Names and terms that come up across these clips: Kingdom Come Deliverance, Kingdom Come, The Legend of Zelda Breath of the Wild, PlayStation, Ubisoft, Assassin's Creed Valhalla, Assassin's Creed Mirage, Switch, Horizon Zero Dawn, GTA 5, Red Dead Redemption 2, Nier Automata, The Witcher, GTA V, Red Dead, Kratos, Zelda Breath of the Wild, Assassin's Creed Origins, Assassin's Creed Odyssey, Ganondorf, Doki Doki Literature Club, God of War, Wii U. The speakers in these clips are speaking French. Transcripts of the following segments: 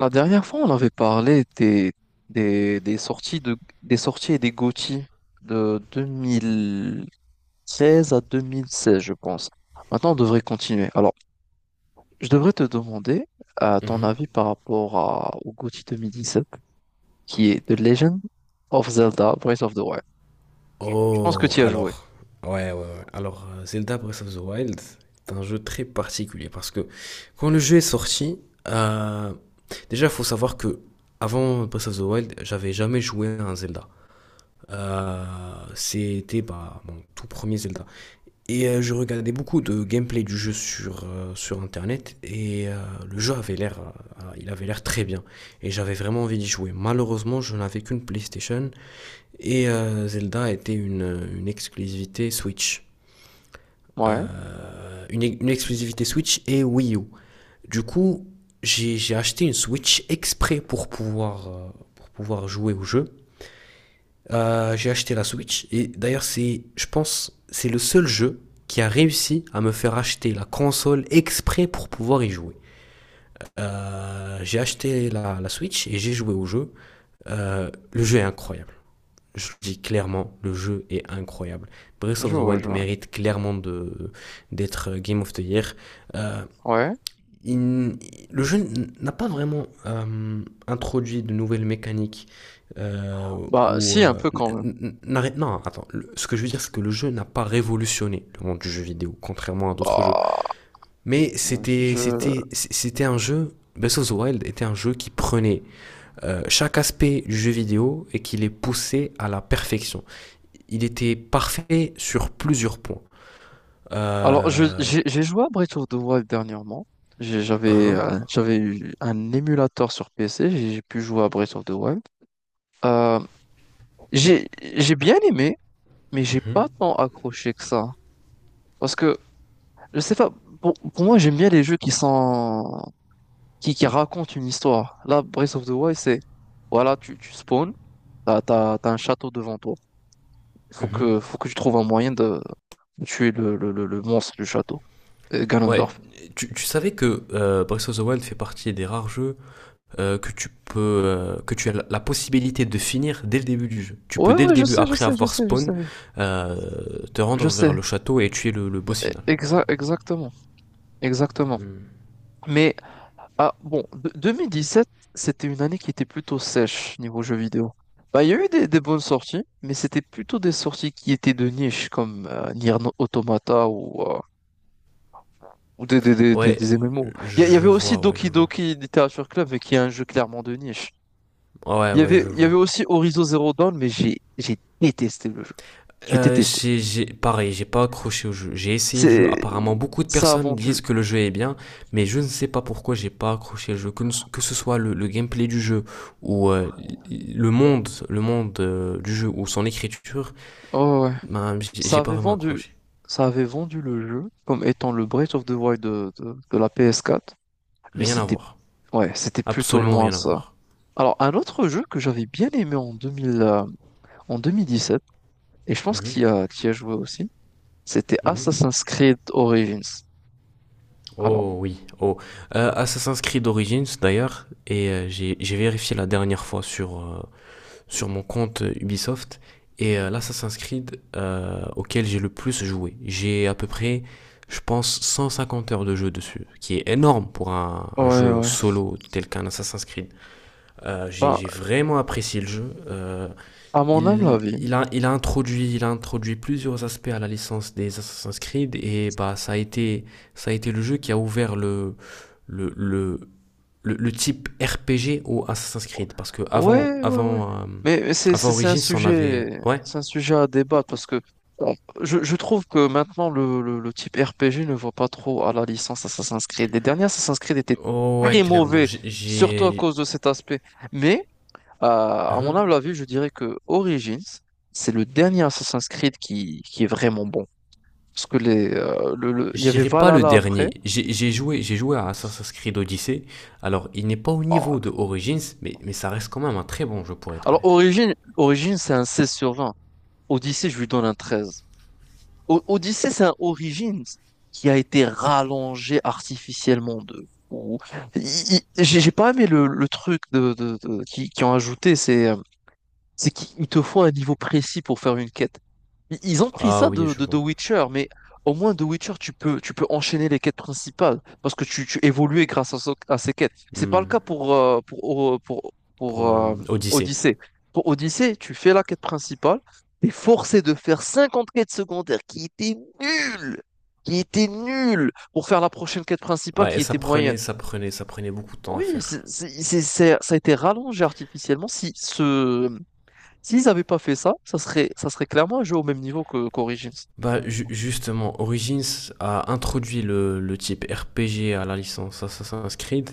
La dernière fois, on avait parlé des, des sorties de, des sorties et des GOTY de 2016 à 2016, je pense. Maintenant, on devrait continuer. Alors, je devrais te demander ton Mhm. avis par rapport au GOTY 2017, qui est The Legend of Zelda Breath of the Wild. Je pense que Oh, tu y as joué. alors, ouais, ouais, ouais. Alors, Zelda Breath of the Wild est un jeu très particulier parce que quand le jeu est sorti, euh, déjà, il faut savoir que avant Breath of the Wild, j'avais jamais joué à un Zelda. Euh, C'était bah, mon tout premier Zelda. Et je regardais beaucoup de gameplay du jeu sur internet et le jeu avait l'air, il avait l'air très bien et j'avais vraiment envie d'y jouer. Malheureusement, je n'avais qu'une PlayStation et Zelda était une exclusivité Switch. Ouais, Une exclusivité Switch et Wii U. Du coup, j'ai acheté une Switch exprès pour pouvoir jouer au jeu. J'ai acheté la Switch et d'ailleurs c'est, je pense, c'est le seul jeu qui a réussi à me faire acheter la console exprès pour pouvoir y jouer. J'ai acheté la Switch et j'ai joué au jeu. Le jeu est incroyable. Je le dis clairement, le jeu est incroyable. Breath je of the vois, je Wild vois. mérite clairement de d'être Game of the Year. Euh, Ouais. il- le jeu n'a pas vraiment introduit de nouvelles mécaniques euh, Bah, ou si, un peu quand même. non, attends, ce que je veux dire c'est que le jeu n'a pas révolutionné le monde du jeu vidéo contrairement à d'autres jeux, mais Bah, c'était je, c'était c'était un jeu Breath of the Wild était un jeu qui prenait chaque aspect du jeu vidéo et qui les poussait à la perfection. Il était parfait sur plusieurs points. Alors, je, euh, j'ai joué à Breath of the Wild dernièrement. J'ai- J'avais hein. euh, j'avais eu un émulateur sur PC, j'ai pu jouer à Breath of the Wild. Euh, j'ai j'ai bien aimé, mais j'ai pas Mhm. tant accroché que ça. Parce que, je sais pas, pour moi, j'aime bien les jeux qui sont, qui racontent une histoire. Là, Breath of the Wild, c'est, voilà, tu spawns, t'as un château devant toi. Faut Mhm. que, faut que tu trouves un moyen de tuer le monstre du château, Ouais, Ganondorf. tu savais que Breath of the Wild fait partie des rares jeux que tu as la possibilité de finir dès le début du jeu. Tu peux Ouais, dès le ouais, je début, sais, je après sais, je avoir sais, je spawn, sais. Te Je rendre vers sais, le château et tuer le boss final. Exactement, exactement. Mais ah, bon, 2017, c'était une année qui était plutôt sèche niveau jeux vidéo. Bah, il y a eu des bonnes sorties, mais c'était plutôt des sorties qui étaient de niche, comme Nier Automata ou, euh, ou des, des, des, des- Ouais, des MMO. Il y je avait aussi vois, ouais, je Doki vois. Doki Literature Club, mais qui est un jeu clairement de niche. Ouais, Il y ouais, avait, je il y avait vois. aussi Horizon Zero Dawn, mais j'ai détesté le jeu. J'ai détesté. Pareil, j'ai pas accroché au jeu. J'ai essayé le jeu. C'est, Apparemment, beaucoup de Ça a personnes vendu. disent que le jeu est bien, mais je ne sais pas pourquoi j'ai pas accroché le jeu. Que ce soit le gameplay du jeu ou le monde du jeu ou son écriture, Oh, ouais. ben, j'ai Ça j'ai pas avait vraiment vendu, accroché. ça avait vendu le jeu comme étant le Breath of the Wild de la PS4, mais Rien à c'était voir. ouais, c'était plutôt Absolument loin rien à ça. voir. Alors, un autre jeu que j'avais bien aimé en 2017 et je pense Mhm, qu'il y a joué aussi, c'était mhm. Assassin's Creed Origins. Alors, Oh oui, oh. Assassin's Creed Origins d'ailleurs, et j'ai vérifié la dernière fois sur mon compte Ubisoft. Et l'Assassin's Creed auquel j'ai le plus joué. J'ai à peu près, je pense, 150 heures de jeu dessus, qui est énorme pour un ouais, jeu ouais. solo tel qu'un Assassin's Creed. J'ai Ben, j'ai vraiment apprécié le jeu. À mon humble avis, Il a introduit plusieurs aspects à la licence des Assassin's Creed et bah, ça a été le jeu qui a ouvert le, le, le type RPG au Assassin's Creed. Parce que ouais, ouais, ouais. Mais c'est avant c'est- c'est un Origins, on avait. sujet, Ouais. c'est un sujet à débattre parce que bon, je trouve que maintenant le type RPG ne va pas trop à la licence Assassin's Creed. Les dernières Assassin's Creed étaient Oh, ouais, très clairement. mauvais, J'ai- surtout à J'ai. cause de cet aspect. Mais à mon humble Hein. avis, je dirais que Origins, c'est le dernier Assassin's Creed qui est vraiment bon. Parce que il Je y avait dirais pas le Valhalla après. dernier. J'ai joué à Assassin's Creed Odyssey. Alors, il n'est pas au Oh. niveau de Origins, mais ça reste quand même un très bon jeu, pour être Alors, honnête. Origins c'est un 16 sur 20. Odyssey, je lui donne un 13. Odyssey, c'est un Origins qui a été rallongé artificiellement de fou. J'ai pas aimé le truc qui ont ajouté, c'est qu'ils te font un niveau précis pour faire une quête. Ils ont pris Ah ça oui, de, je de The vois. Witcher, mais au moins The Witcher, tu peux enchaîner les quêtes principales parce que tu évolues grâce à ces quêtes. C'est pas le Hmm. cas pour, O- pour, pour, Pour Odyssey. Odyssey. Pour Odyssey, tu fais la quête principale, t'es forcé de faire 50 quêtes secondaires nulles, qui étaient nulles pour faire la prochaine quête principale Ouais, qui ça était moyenne. prenait, ça prenait, ça prenait beaucoup de temps à Oui, faire. Ça a été rallongé artificiellement. Si ce, S'ils n'avaient pas fait ça, ça serait clairement un jeu au même niveau que qu'Origins. Bah, justement, Origins a introduit le type RPG à la licence Assassin's Creed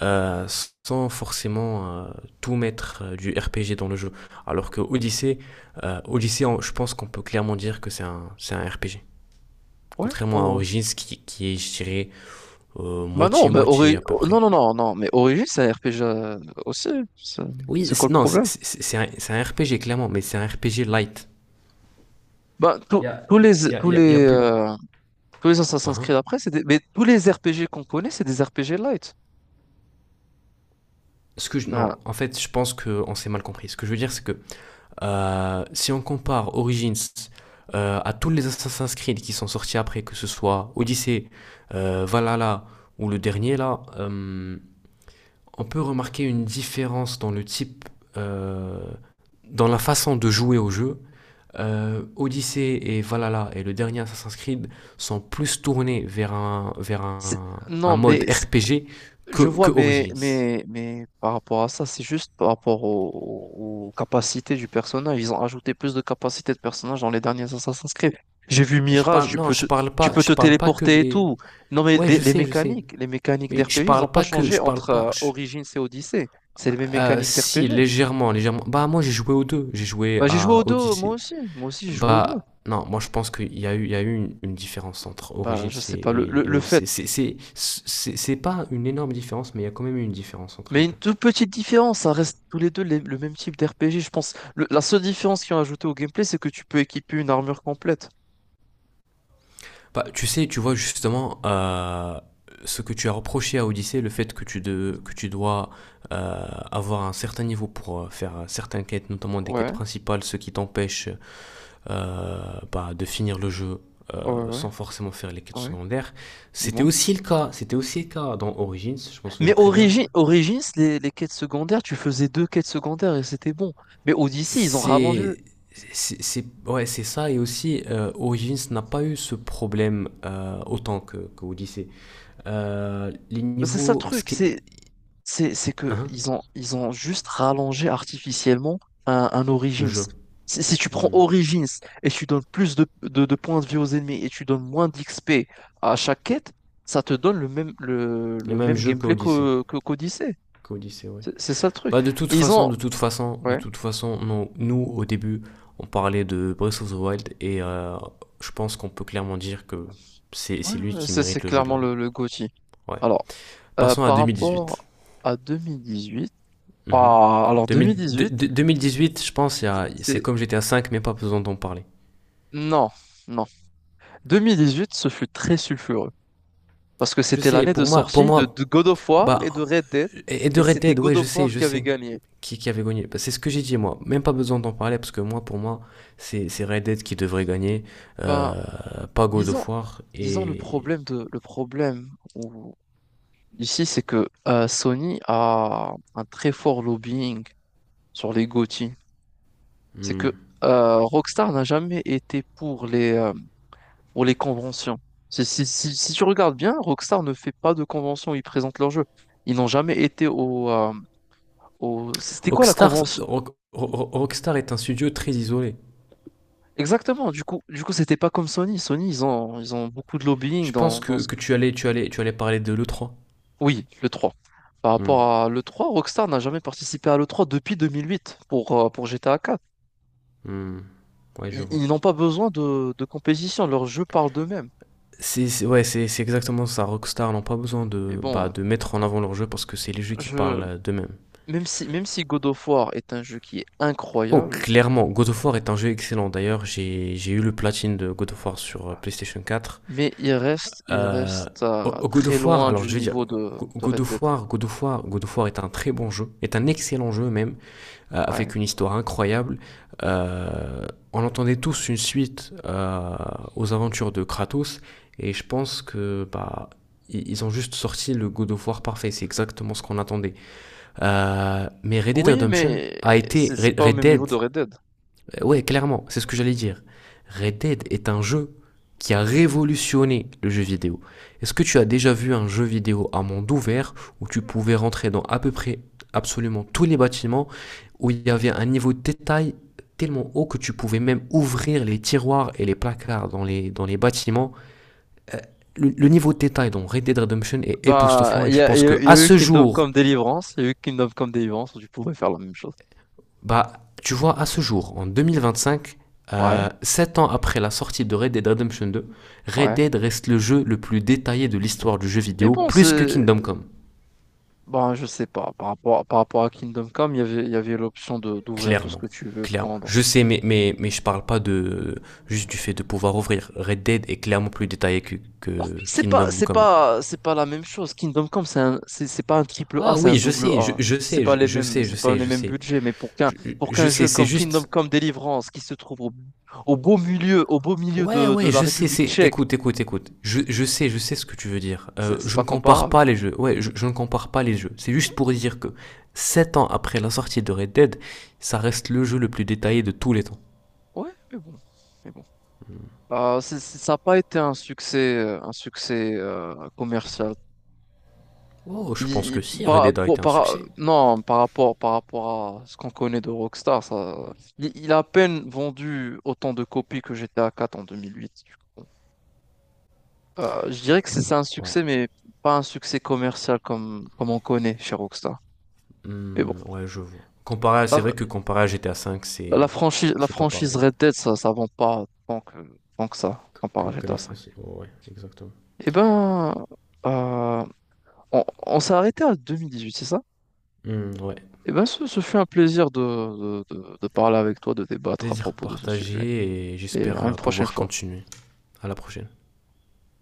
euh, sans forcément tout mettre du RPG dans le jeu. Alors que Odyssey, je pense qu'on peut clairement dire que c'est un RPG. Ouais, ouais, Contrairement à ouais. Origins qui est, je dirais, Bah non, moitié-moitié à peu non, près. non, non, non, mais Origin, c'est un RPG aussi. C'est Oui, c'est quoi le non, problème? C'est un RPG clairement, mais c'est un RPG light. Bah, tous Il y a, tous les, il y a, tous il y a- y a les, plus. euh, tous les Assassin's Creed Hein? après, mais tous les RPG qu'on connaît, c'est des RPG light. Non, Bah, en fait, je pense qu'on s'est mal compris. Ce que je veux dire, c'est que si on compare Origins à tous les Assassin's Creed qui sont sortis après, que ce soit Odyssey, Valhalla ou le dernier là, on peut remarquer une différence dans le type, euh, dans la façon de jouer au jeu. Odyssey et Valhalla et le dernier Assassin's Creed sont plus tournés vers un, vers c'est- un, un non, mode mais RPG je que, vois, que mais, Origins. mais, mais par rapport à ça, c'est juste par rapport capacités du personnage. Ils ont ajouté plus de capacités de personnage dans les derniers Assassin's Creed. J'ai vu Je Mirage, parle, tu non, peux te, je parle tu pas, peux je te parle pas que téléporter et des. tout. Non, mais Ouais, des- je les sais, je sais. mécaniques, les mécaniques Mais d'RPG, ils n'ont pas changé je parle entre pas. Origins et Odyssey. C'est les mêmes mécaniques Si d'RPG. légèrement, légèrement. Bah moi j'ai joué aux deux. J'ai joué Bah, j'ai joué à aux deux, moi Odyssey. aussi. Moi aussi, j'ai joué aux deux. Bah non, moi je pense qu'il y a eu une différence entre Bah, Origins je et, sais pas. Et, et Le Odyssey. fait C'est pas une énorme différence, mais il y a quand même eu une différence entre Mais les une deux. toute petite différence, ça reste tous les deux le même type d'RPG, je pense. La seule différence qu'ils ont ajoutée au gameplay, c'est que tu peux équiper une armure complète. Bah tu sais, tu vois justement ce que tu as reproché à Odyssey, le fait que tu dois avoir un certain niveau pour faire certaines quêtes, notamment des Ouais, quêtes principales, ce qui t'empêche bah, de finir le jeu euh, ouais, ouais, sans forcément faire les quêtes ouais, secondaires. Dis-moi. C'était aussi le cas dans Origins, je m'en Mais souviens très bien. Origins, les quêtes secondaires, tu faisais deux quêtes secondaires et c'était bon. Mais Odyssey, ils ont rallongé. C'est c'est ouais, c'est ça et aussi Origins n'a pas eu ce problème autant que Odyssey. Les C'est ça le niveaux truc, c'est que hein. ils ont juste rallongé artificiellement un Le Origins. jeu. Si tu prends Hmm. Origins et tu donnes plus de points de vie aux ennemis et tu donnes moins d'XP à chaque quête, ça te donne le même le, Le le même même jeu que gameplay Odyssey. qu'au- que qu'Odyssey. Que Odyssey, ouais. C'est ça le truc. Bah Et ils ont de Ouais, toute façon, non, nous au début, on parlait de Breath of the Wild et je pense qu'on peut clairement dire que c'est ouais, c'est lui ouais, qui c'est mérite le jeu de clairement l'année. le GOTY. Ouais. Alors Passons à par rapport 2018. à 2018, Mhm. ah alors 2000 de- 2018 de- 2018, je pense, c'est c'est comme GTA 5 mais pas besoin d'en parler. non, non, 2018 ce fut très sulfureux. Parce que Je c'était sais, l'année de sortie de, de God of War bah, et de Red Dead. et de Et Red c'était Dead, ouais, God je of sais, War je qui avait sais. gagné. Qui avait gagné. Bah, c'est ce que j'ai dit, moi. Même pas besoin d'en parler, parce que moi, pour moi, c'est Red Dead qui devrait gagner, Bah, euh, pas God disons, of War. disons le Et. problème de, le problème où- ici, c'est que Sony a un très fort lobbying sur les GOTY. C'est Hmm. que Rockstar n'a jamais été pour les conventions. Si tu regardes bien, Rockstar ne fait pas de convention, ils présentent leur jeu. Ils n'ont jamais été. C'était quoi la Rockstar, convention? Rock- Rockstar est un studio très isolé. Exactement, du coup, c'était pas comme Sony. Sony, ils ont beaucoup de lobbying Je pense dans que, ce... que tu allais parler de le trois. Oui, le 3. Par Hmm. rapport à le 3, Rockstar n'a jamais participé à le 3 depuis 2008 pour GTA 4. Hmm. Ouais, je Ils, vois. ils n'ont pas besoin de compétition, leurs jeux parlent d'eux-mêmes. C'est ouais, c'est exactement ça. Rockstar n'ont pas besoin Mais de, bah, bon, de mettre en avant leur jeu parce que c'est les jeux qui je, parlent d'eux-mêmes. même si God of War est un jeu qui est Oh, incroyable, clairement, God of War est un jeu excellent. D'ailleurs, j'ai eu le platine de God of War sur PlayStation 4. mais il reste, il Euh, reste euh, God très of War, loin alors du je vais dire, niveau de Red Dead. God of War est un très bon jeu, est un excellent jeu même, Ouais. avec une histoire incroyable. Euh, on entendait tous une suite aux aventures de Kratos, et je pense que bah, ils ont juste sorti le God of War parfait, c'est exactement ce qu'on attendait. Mais Red Dead Oui, Redemption mais a été, c'est Red pas au Red même niveau Dead de Red Dead. Ouais, clairement, c'est ce que j'allais dire. Red Dead est un jeu qui a révolutionné le jeu vidéo. Est-ce que tu as déjà vu un jeu vidéo à monde ouvert où tu pouvais rentrer dans à peu près absolument tous les bâtiments, où il y avait un niveau de détail tellement haut que tu pouvais même ouvrir les tiroirs et les placards dans les bâtiments? Le niveau de détail dans Red Dead Redemption est Bah, époustouflant et je pense que il y a à eu ce Kingdom jour, Come Deliverance, il y a eu Kingdom Come Deliverance, tu pourrais faire la même chose. bah, tu vois, à ce jour, en 2025, Ouais, 7 ans après la sortie de Red Dead Redemption 2, Red ouais. Dead reste le jeu le plus détaillé de l'histoire du jeu Mais vidéo, bon, plus que c'est... Kingdom Come. Bon, je sais pas, par rapport à Kingdom Come, il y avait l'option d'ouvrir tout ce Clairement. que tu veux Clairement. prendre. Je sais, mais je parle pas de juste du fait de pouvoir ouvrir. Red Dead est clairement plus détaillé que, Oh, mais que c'est pas, Kingdom c'est Come. pas, c'est pas la même chose. Kingdom Come, c'est pas un triple A, Ah c'est un oui, je double sais, A. C'est pas les mêmes, je c'est pas sais, les je mêmes sais. budgets, mais pour qu'un, Je, pour je qu'un sais, jeu c'est comme Kingdom juste. Come Deliverance, qui se trouve au beau milieu Ouais, de ouais, la je sais, République c'est. tchèque, Écoute, écoute, écoute. Je sais, je sais ce que tu veux dire. C'est Je ne pas compare comparable. pas les jeux. Ouais, je ne compare pas les jeux. C'est juste pour dire que 7 ans après la sortie de Red Dead, ça reste le jeu le plus détaillé de tous les temps. Ouais, mais bon. Mais bon. Ça n'a pas été un succès commercial. Oh, je pense que si, Red Dead a été un succès. Non, par rapport à ce qu'on connaît de Rockstar, ça, il a à peine vendu autant de copies que GTA 4 en 2008, du coup. Je dirais que c'est un Ouais. succès, mais pas un succès commercial comme on connaît chez Rockstar. Mais bon, Hmm, ouais, je vois. C'est la, vrai que comparé à GTA V, la c'est. franchise, la C'est pas franchise pareil Red Dead, ça ne vend pas tant que ça, que, comparé à que- que la GTA 5. France. Oh, ouais, exactement. Eh ben, euh, on s'est arrêté à 2018, c'est ça? Hmm, ouais. Eh ben, ce fut un plaisir de parler avec toi, de débattre à Plaisir propos de ce sujet. partagé et Et j'espère à une prochaine pouvoir fois. continuer. À la prochaine.